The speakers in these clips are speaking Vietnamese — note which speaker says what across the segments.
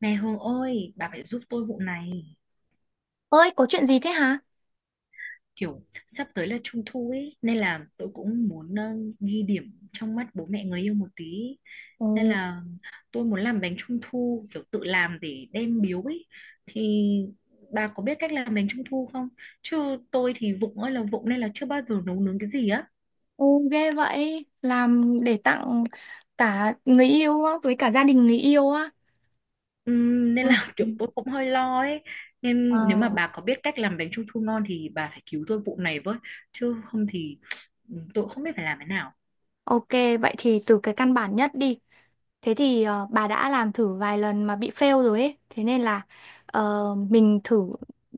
Speaker 1: Này Hương ơi, bà phải giúp tôi vụ này.
Speaker 2: Ơi, có chuyện gì thế hả?
Speaker 1: Kiểu sắp tới là trung thu ấy, nên là tôi cũng muốn ghi điểm trong mắt bố mẹ người yêu một tí.
Speaker 2: Ồ,
Speaker 1: Nên là tôi muốn làm bánh trung thu, kiểu tự làm để đem biếu ấy. Thì bà có biết cách làm bánh trung thu không? Chứ tôi thì vụng ơi là vụng nên là chưa bao giờ nấu nướng cái gì á.
Speaker 2: ồ, ghê vậy. Làm để tặng cả người yêu á, với cả gia đình người yêu á.
Speaker 1: Nên
Speaker 2: Ừ.
Speaker 1: là kiểu tôi cũng hơi lo ấy.
Speaker 2: Ờ,
Speaker 1: Nên nếu mà bà có biết cách làm bánh trung thu ngon thì bà phải cứu tôi vụ này với. Chứ không thì tôi cũng không biết phải làm thế nào.
Speaker 2: ok, vậy thì từ cái căn bản nhất đi. Thế thì bà đã làm thử vài lần mà bị fail rồi ấy. Thế nên là mình thử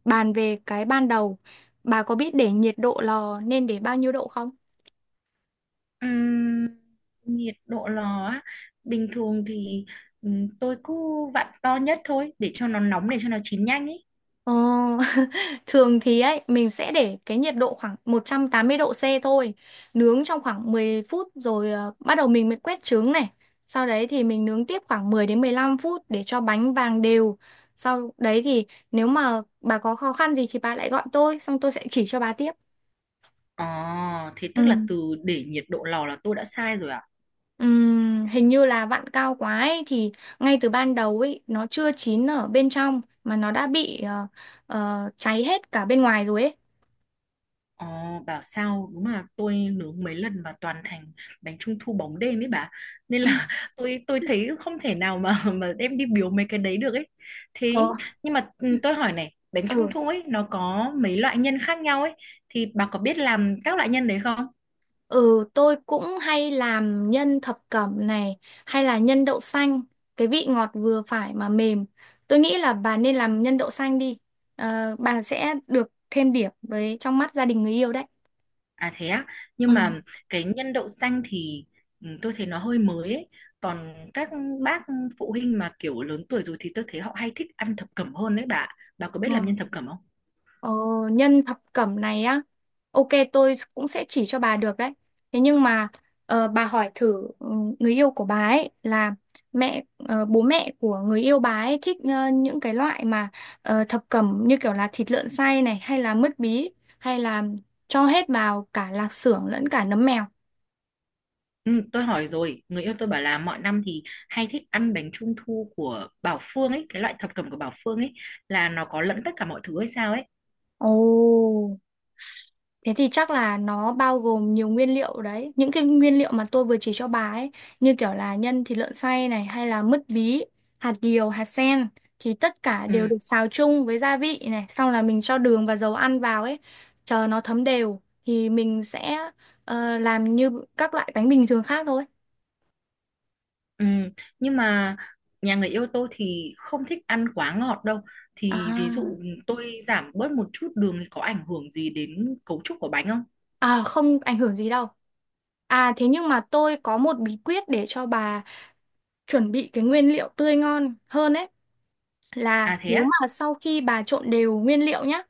Speaker 2: bàn về cái ban đầu. Bà có biết để nhiệt độ lò nên để bao nhiêu độ không?
Speaker 1: Ừm, Nhiệt độ lò á, bình thường thì tôi cứ vặn to nhất thôi để cho nó nóng để cho nó chín nhanh ấy.
Speaker 2: Ờ, thường thì ấy mình sẽ để cái nhiệt độ khoảng 180 độ C thôi, nướng trong khoảng 10 phút rồi bắt đầu mình mới quét trứng này. Sau đấy thì mình nướng tiếp khoảng 10 đến 15 phút để cho bánh vàng đều. Sau đấy thì nếu mà bà có khó khăn gì thì bà lại gọi tôi, xong tôi sẽ chỉ cho bà tiếp.
Speaker 1: Ờ Thế tức là
Speaker 2: Ừ.
Speaker 1: từ để nhiệt độ lò là tôi đã sai rồi ạ.
Speaker 2: Hình như là vặn cao quá ấy, thì ngay từ ban đầu ấy nó chưa chín ở bên trong mà nó đã bị cháy hết cả bên ngoài rồi ấy.
Speaker 1: Ờ Bảo sao đúng là tôi nướng mấy lần mà toàn thành bánh trung thu bóng đêm ấy bà. Nên là tôi thấy không thể nào mà mà đem đi biếu mấy cái đấy được ấy.
Speaker 2: Ồ.
Speaker 1: Thế nhưng mà tôi hỏi này, bánh trung
Speaker 2: Ừ.
Speaker 1: thu ấy nó có mấy loại nhân khác nhau ấy, thì bà có biết làm các loại nhân đấy không?
Speaker 2: Ừ, tôi cũng hay làm nhân thập cẩm này, hay là nhân đậu xanh, cái vị ngọt vừa phải mà mềm. Tôi nghĩ là bà nên làm nhân đậu xanh đi. Ờ, bà sẽ được thêm điểm với trong mắt gia đình người yêu đấy.
Speaker 1: À thế á, nhưng
Speaker 2: Ừ.
Speaker 1: mà cái nhân đậu xanh thì tôi thấy nó hơi mới ấy. Còn các bác phụ huynh mà kiểu lớn tuổi rồi thì tôi thấy họ hay thích ăn thập cẩm hơn đấy bà. Bà có biết làm nhân
Speaker 2: Ừ.
Speaker 1: thập cẩm không?
Speaker 2: Ờ, nhân thập cẩm này á, ok tôi cũng sẽ chỉ cho bà được đấy. Thế nhưng mà bà hỏi thử người yêu của bà ấy là bố mẹ của người yêu bà ấy thích những cái loại mà thập cẩm như kiểu là thịt lợn xay này, hay là mứt bí, hay là cho hết vào cả lạc xưởng lẫn cả nấm mèo.
Speaker 1: Ừ, tôi hỏi rồi, người yêu tôi bảo là mọi năm thì hay thích ăn bánh trung thu của Bảo Phương ấy, cái loại thập cẩm của Bảo Phương ấy là nó có lẫn tất cả mọi thứ hay sao ấy.
Speaker 2: Ồ. Thế thì chắc là nó bao gồm nhiều nguyên liệu đấy. Những cái nguyên liệu mà tôi vừa chỉ cho bà ấy, như kiểu là nhân thịt lợn xay này hay là mứt bí, hạt điều, hạt sen thì tất cả đều
Speaker 1: Ừ.
Speaker 2: được xào chung với gia vị này, xong là mình cho đường và dầu ăn vào ấy, chờ nó thấm đều thì mình sẽ làm như các loại bánh bình thường khác thôi.
Speaker 1: Ừ, nhưng mà nhà người yêu tôi thì không thích ăn quá ngọt đâu. Thì ví
Speaker 2: À,
Speaker 1: dụ tôi giảm bớt một chút đường thì có ảnh hưởng gì đến cấu trúc của bánh không?
Speaker 2: à không ảnh hưởng gì đâu. À thế nhưng mà tôi có một bí quyết để cho bà chuẩn bị cái nguyên liệu tươi ngon hơn ấy. Là
Speaker 1: À thế
Speaker 2: nếu
Speaker 1: á?
Speaker 2: mà sau khi bà trộn đều nguyên liệu nhá,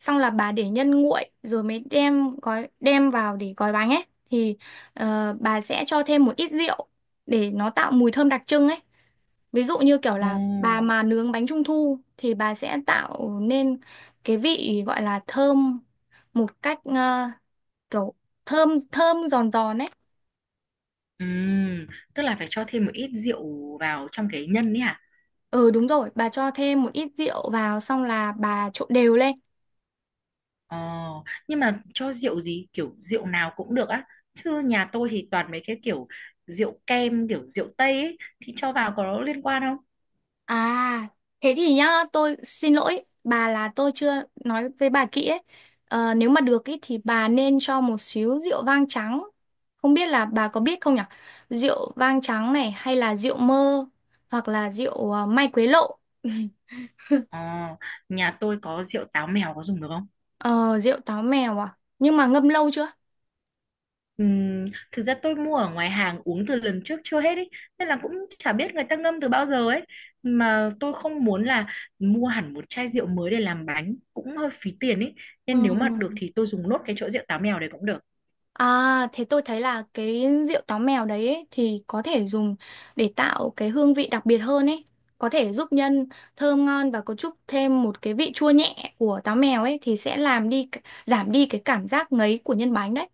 Speaker 2: xong là bà để nhân nguội rồi mới đem gói, đem vào để gói bánh ấy, thì bà sẽ cho thêm một ít rượu để nó tạo mùi thơm đặc trưng ấy. Ví dụ như kiểu là bà
Speaker 1: Ồ.
Speaker 2: mà nướng bánh trung thu thì bà sẽ tạo nên cái vị gọi là thơm một cách ờ, kiểu thơm thơm giòn giòn ấy.
Speaker 1: Ừ, tức là phải cho thêm một ít rượu vào trong cái nhân ấy à?
Speaker 2: Ừ đúng rồi, bà cho thêm một ít rượu vào xong là bà trộn đều lên.
Speaker 1: Ờ, nhưng mà cho rượu gì? Kiểu rượu nào cũng được á. Chứ nhà tôi thì toàn mấy cái kiểu rượu kem, kiểu rượu Tây ấy. Thì cho vào có liên quan không?
Speaker 2: À, thế thì nhá, tôi xin lỗi bà là tôi chưa nói với bà kỹ ấy. Ờ, nếu mà được ý, thì bà nên cho một xíu rượu vang trắng. Không biết là bà có biết không nhỉ? Rượu vang trắng này hay là rượu mơ, hoặc là rượu mai quế lộ.
Speaker 1: Ờ, Nhà tôi có rượu táo mèo có dùng được không?
Speaker 2: Ờ, rượu táo mèo à? Nhưng mà ngâm lâu chưa?
Speaker 1: Ừm, Thực ra tôi mua ở ngoài hàng uống từ lần trước chưa hết ấy, nên là cũng chả biết người ta ngâm từ bao giờ ấy, mà tôi không muốn là mua hẳn một chai rượu mới để làm bánh cũng hơi phí tiền ấy, nên nếu mà được
Speaker 2: Ừ.
Speaker 1: thì tôi dùng nốt cái chỗ rượu táo mèo đấy cũng được.
Speaker 2: À, thế tôi thấy là cái rượu táo mèo đấy ấy, thì có thể dùng để tạo cái hương vị đặc biệt hơn ấy. Có thể giúp nhân thơm ngon và có chút thêm một cái vị chua nhẹ của táo mèo ấy thì sẽ làm đi giảm đi cái cảm giác ngấy của nhân bánh đấy.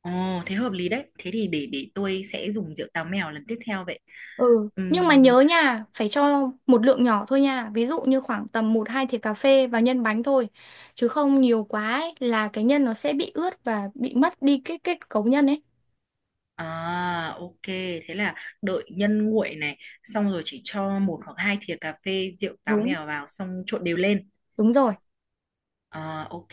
Speaker 1: Ồ thế hợp lý đấy, thế thì để tôi sẽ dùng rượu táo mèo lần tiếp theo vậy.
Speaker 2: Ừ, nhưng mà
Speaker 1: Ừm,
Speaker 2: nhớ nha, phải cho một lượng nhỏ thôi nha. Ví dụ như khoảng tầm một 2 thìa cà phê vào nhân bánh thôi. Chứ không nhiều quá ấy, là cái nhân nó sẽ bị ướt và bị mất đi cái kết cấu nhân ấy.
Speaker 1: à ok, thế là đợi nhân nguội này xong rồi chỉ cho một hoặc hai thìa cà phê rượu táo
Speaker 2: Đúng,
Speaker 1: mèo vào xong trộn đều lên.
Speaker 2: đúng rồi.
Speaker 1: À, ok.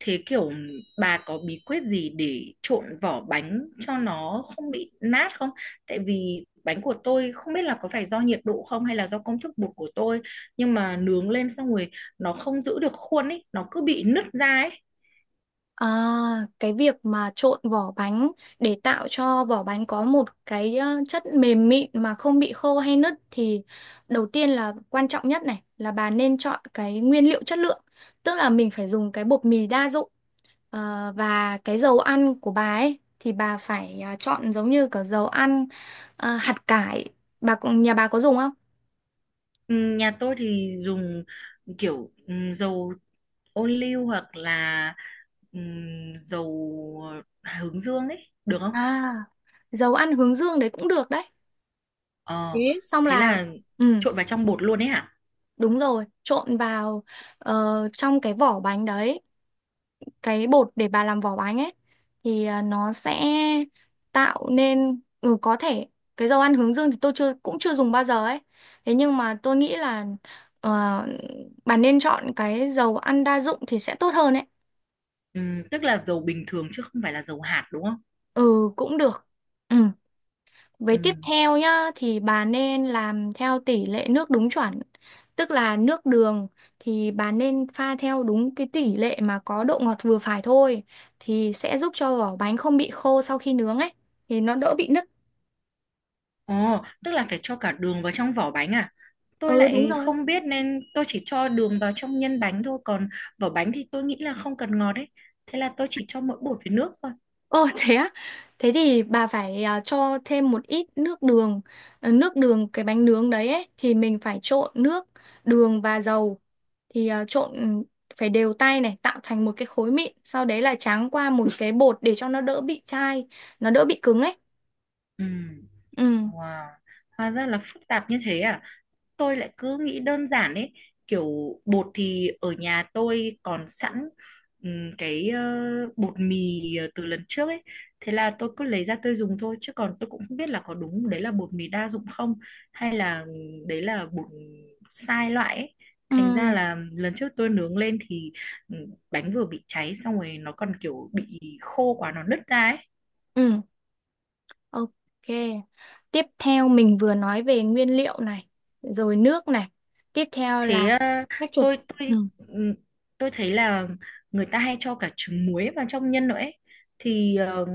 Speaker 1: Thế kiểu bà có bí quyết gì để trộn vỏ bánh cho nó không bị nát không? Tại vì bánh của tôi không biết là có phải do nhiệt độ không hay là do công thức bột của tôi, nhưng mà nướng lên xong rồi nó không giữ được khuôn ấy, nó cứ bị nứt ra ấy.
Speaker 2: À, cái việc mà trộn vỏ bánh để tạo cho vỏ bánh có một cái chất mềm mịn mà không bị khô hay nứt thì đầu tiên là quan trọng nhất này là bà nên chọn cái nguyên liệu chất lượng. Tức là mình phải dùng cái bột mì đa dụng. Ờ, và cái dầu ăn của bà ấy thì bà phải chọn giống như cả dầu ăn hạt cải. Bà cũng nhà bà có dùng không?
Speaker 1: Ừ, nhà tôi thì dùng kiểu dầu ô liu hoặc là ừ, dầu hướng dương ấy, được không?
Speaker 2: À, dầu ăn hướng dương đấy cũng được đấy.
Speaker 1: Ờ,
Speaker 2: Thế xong
Speaker 1: thế
Speaker 2: là
Speaker 1: là
Speaker 2: ừ.
Speaker 1: trộn vào trong bột luôn ấy hả?
Speaker 2: Đúng rồi, trộn vào trong cái vỏ bánh đấy, cái bột để bà làm vỏ bánh ấy thì nó sẽ tạo nên có thể cái dầu ăn hướng dương thì tôi chưa, cũng chưa dùng bao giờ ấy. Thế nhưng mà tôi nghĩ là ờ, bà nên chọn cái dầu ăn đa dụng thì sẽ tốt hơn ấy.
Speaker 1: Ừ, tức là dầu bình thường chứ không phải là dầu hạt đúng không?
Speaker 2: Ừ cũng được. Ừ. Với
Speaker 1: Ừ.
Speaker 2: tiếp theo nhá thì bà nên làm theo tỷ lệ nước đúng chuẩn. Tức là nước đường thì bà nên pha theo đúng cái tỷ lệ mà có độ ngọt vừa phải thôi thì sẽ giúp cho vỏ bánh không bị khô sau khi nướng ấy, thì nó đỡ bị nứt.
Speaker 1: Ồ, tức là phải cho cả đường vào trong vỏ bánh à? Tôi
Speaker 2: Ừ đúng
Speaker 1: lại
Speaker 2: rồi.
Speaker 1: không biết nên tôi chỉ cho đường vào trong nhân bánh thôi, còn vỏ bánh thì tôi nghĩ là không cần ngọt ấy. Thế là tôi chỉ cho mỗi bột với nước thôi.
Speaker 2: Ồ thế á, thế thì bà phải à, cho thêm một ít nước đường. Ờ, nước đường cái bánh nướng đấy ấy, thì mình phải trộn nước, đường và dầu, thì phải đều tay này, tạo thành một cái khối mịn, sau đấy là tráng qua một cái bột để cho nó đỡ bị chai, nó đỡ bị cứng ấy.
Speaker 1: Ừ.
Speaker 2: Ừ,
Speaker 1: Wow, hóa ra là phức tạp như thế à? Tôi lại cứ nghĩ đơn giản ấy, kiểu bột thì ở nhà tôi còn sẵn ừm, cái ờ, bột mì từ lần trước ấy, thế là tôi cứ lấy ra tôi dùng thôi chứ còn tôi cũng không biết là có đúng đấy là bột mì đa dụng không hay là đấy là bột sai loại ấy. Thành ra
Speaker 2: ừ,
Speaker 1: là lần trước tôi nướng lên thì bánh vừa bị cháy xong rồi nó còn kiểu bị khô quá nó nứt ra ấy.
Speaker 2: ừ, ok. Tiếp theo mình vừa nói về nguyên liệu này, rồi nước này, tiếp theo là
Speaker 1: Thế
Speaker 2: cách chuột.
Speaker 1: tôi
Speaker 2: Ừ.
Speaker 1: tôi ừm, tôi thấy là người ta hay cho cả trứng muối vào trong nhân nữa ấy. Thì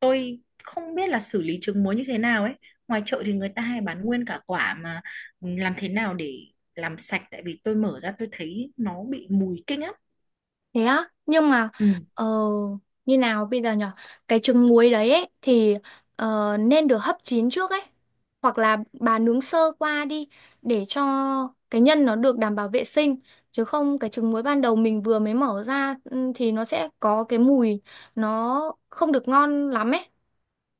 Speaker 1: tôi không biết là xử lý trứng muối như thế nào ấy. Ngoài chợ thì người ta hay bán nguyên cả quả, mà làm thế nào để làm sạch, tại vì tôi mở ra tôi thấy nó bị mùi kinh lắm.
Speaker 2: Thế á, nhưng mà
Speaker 1: Ừ.
Speaker 2: ờ, như nào bây giờ nhở? Cái trứng muối đấy ấy, thì nên được hấp chín trước ấy. Hoặc là bà nướng sơ qua đi để cho cái nhân nó được đảm bảo vệ sinh. Chứ không cái trứng muối ban đầu mình vừa mới mở ra thì nó sẽ có cái mùi nó không được ngon lắm ấy.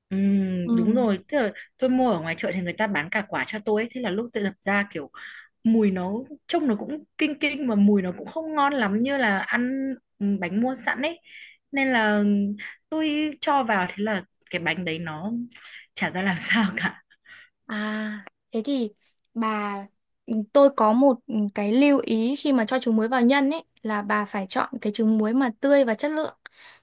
Speaker 1: Ừ,
Speaker 2: Ừ.
Speaker 1: đúng rồi, tức là tôi mua ở ngoài chợ thì người ta bán cả quả cho tôi ấy. Thế là lúc tôi đập ra kiểu mùi nó, trông nó cũng kinh kinh và mùi nó cũng không ngon lắm như là ăn bánh mua sẵn ấy, nên là tôi cho vào thế là cái bánh đấy nó chả ra làm sao cả
Speaker 2: À, thế thì bà tôi có một cái lưu ý khi mà cho trứng muối vào nhân ấy là bà phải chọn cái trứng muối mà tươi và chất lượng.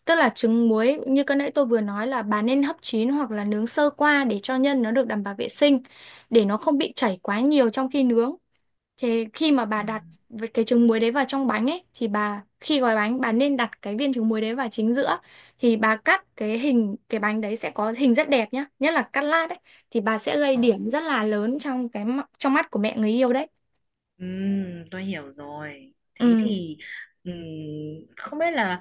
Speaker 2: Tức là trứng muối như cái nãy tôi vừa nói là bà nên hấp chín hoặc là nướng sơ qua để cho nhân nó được đảm bảo vệ sinh, để nó không bị chảy quá nhiều trong khi nướng. Thế khi mà bà
Speaker 1: ừ,
Speaker 2: đặt cái trứng muối đấy vào trong bánh ấy thì bà khi gói bánh, bà nên đặt cái viên trứng muối đấy vào chính giữa thì bà cắt cái hình cái bánh đấy sẽ có hình rất đẹp nhá, nhất là cắt lát ấy, thì bà sẽ gây
Speaker 1: Ờ.
Speaker 2: điểm rất là lớn trong trong mắt của mẹ người yêu đấy.
Speaker 1: Tôi hiểu rồi, thế
Speaker 2: Ừ.
Speaker 1: thì ừm, không biết là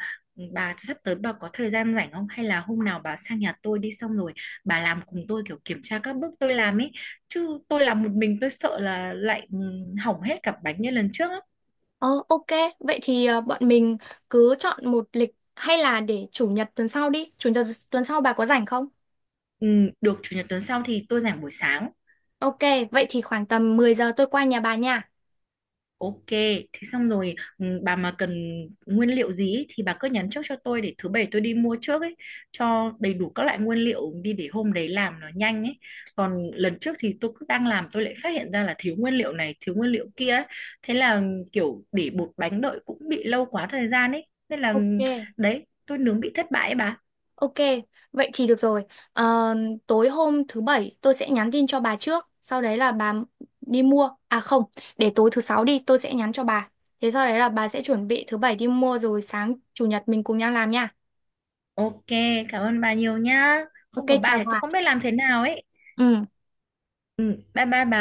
Speaker 1: bà sắp tới bà có thời gian rảnh không, hay là hôm nào bà sang nhà tôi đi xong rồi bà làm cùng tôi kiểu kiểm tra các bước tôi làm ấy, chứ tôi làm một mình tôi sợ là lại hỏng hết cả bánh như lần trước.
Speaker 2: Ờ ok, vậy thì bọn mình cứ chọn một lịch hay là để chủ nhật tuần sau đi. Chủ nhật tuần sau bà có rảnh không?
Speaker 1: Ừ, được, chủ nhật tuần sau thì tôi rảnh buổi sáng.
Speaker 2: Ok, vậy thì khoảng tầm 10 giờ tôi qua nhà bà nha.
Speaker 1: Ok, thế xong rồi bà mà cần nguyên liệu gì ý, thì bà cứ nhắn trước cho tôi để thứ bảy tôi đi mua trước ấy, cho đầy đủ các loại nguyên liệu đi để hôm đấy làm nó nhanh ấy. Còn lần trước thì tôi cứ đang làm tôi lại phát hiện ra là thiếu nguyên liệu này, thiếu nguyên liệu kia ấy. Thế là kiểu để bột bánh đợi cũng bị lâu quá thời gian ấy. Nên là
Speaker 2: Ok.
Speaker 1: đấy, tôi nướng bị thất bại ấy bà.
Speaker 2: Ok, vậy thì được rồi. Ờ, tối hôm thứ bảy tôi sẽ nhắn tin cho bà trước, sau đấy là bà đi mua. À không, để tối thứ sáu đi, tôi sẽ nhắn cho bà. Thế sau đấy là bà sẽ chuẩn bị thứ bảy đi mua rồi sáng chủ nhật mình cùng nhau làm nha.
Speaker 1: Ok, cảm ơn bà nhiều nhá.
Speaker 2: Ok,
Speaker 1: Không có bà
Speaker 2: chào
Speaker 1: thì tôi
Speaker 2: bà.
Speaker 1: không biết làm thế nào ấy.
Speaker 2: Ừ.
Speaker 1: Ừ, bye bye bà.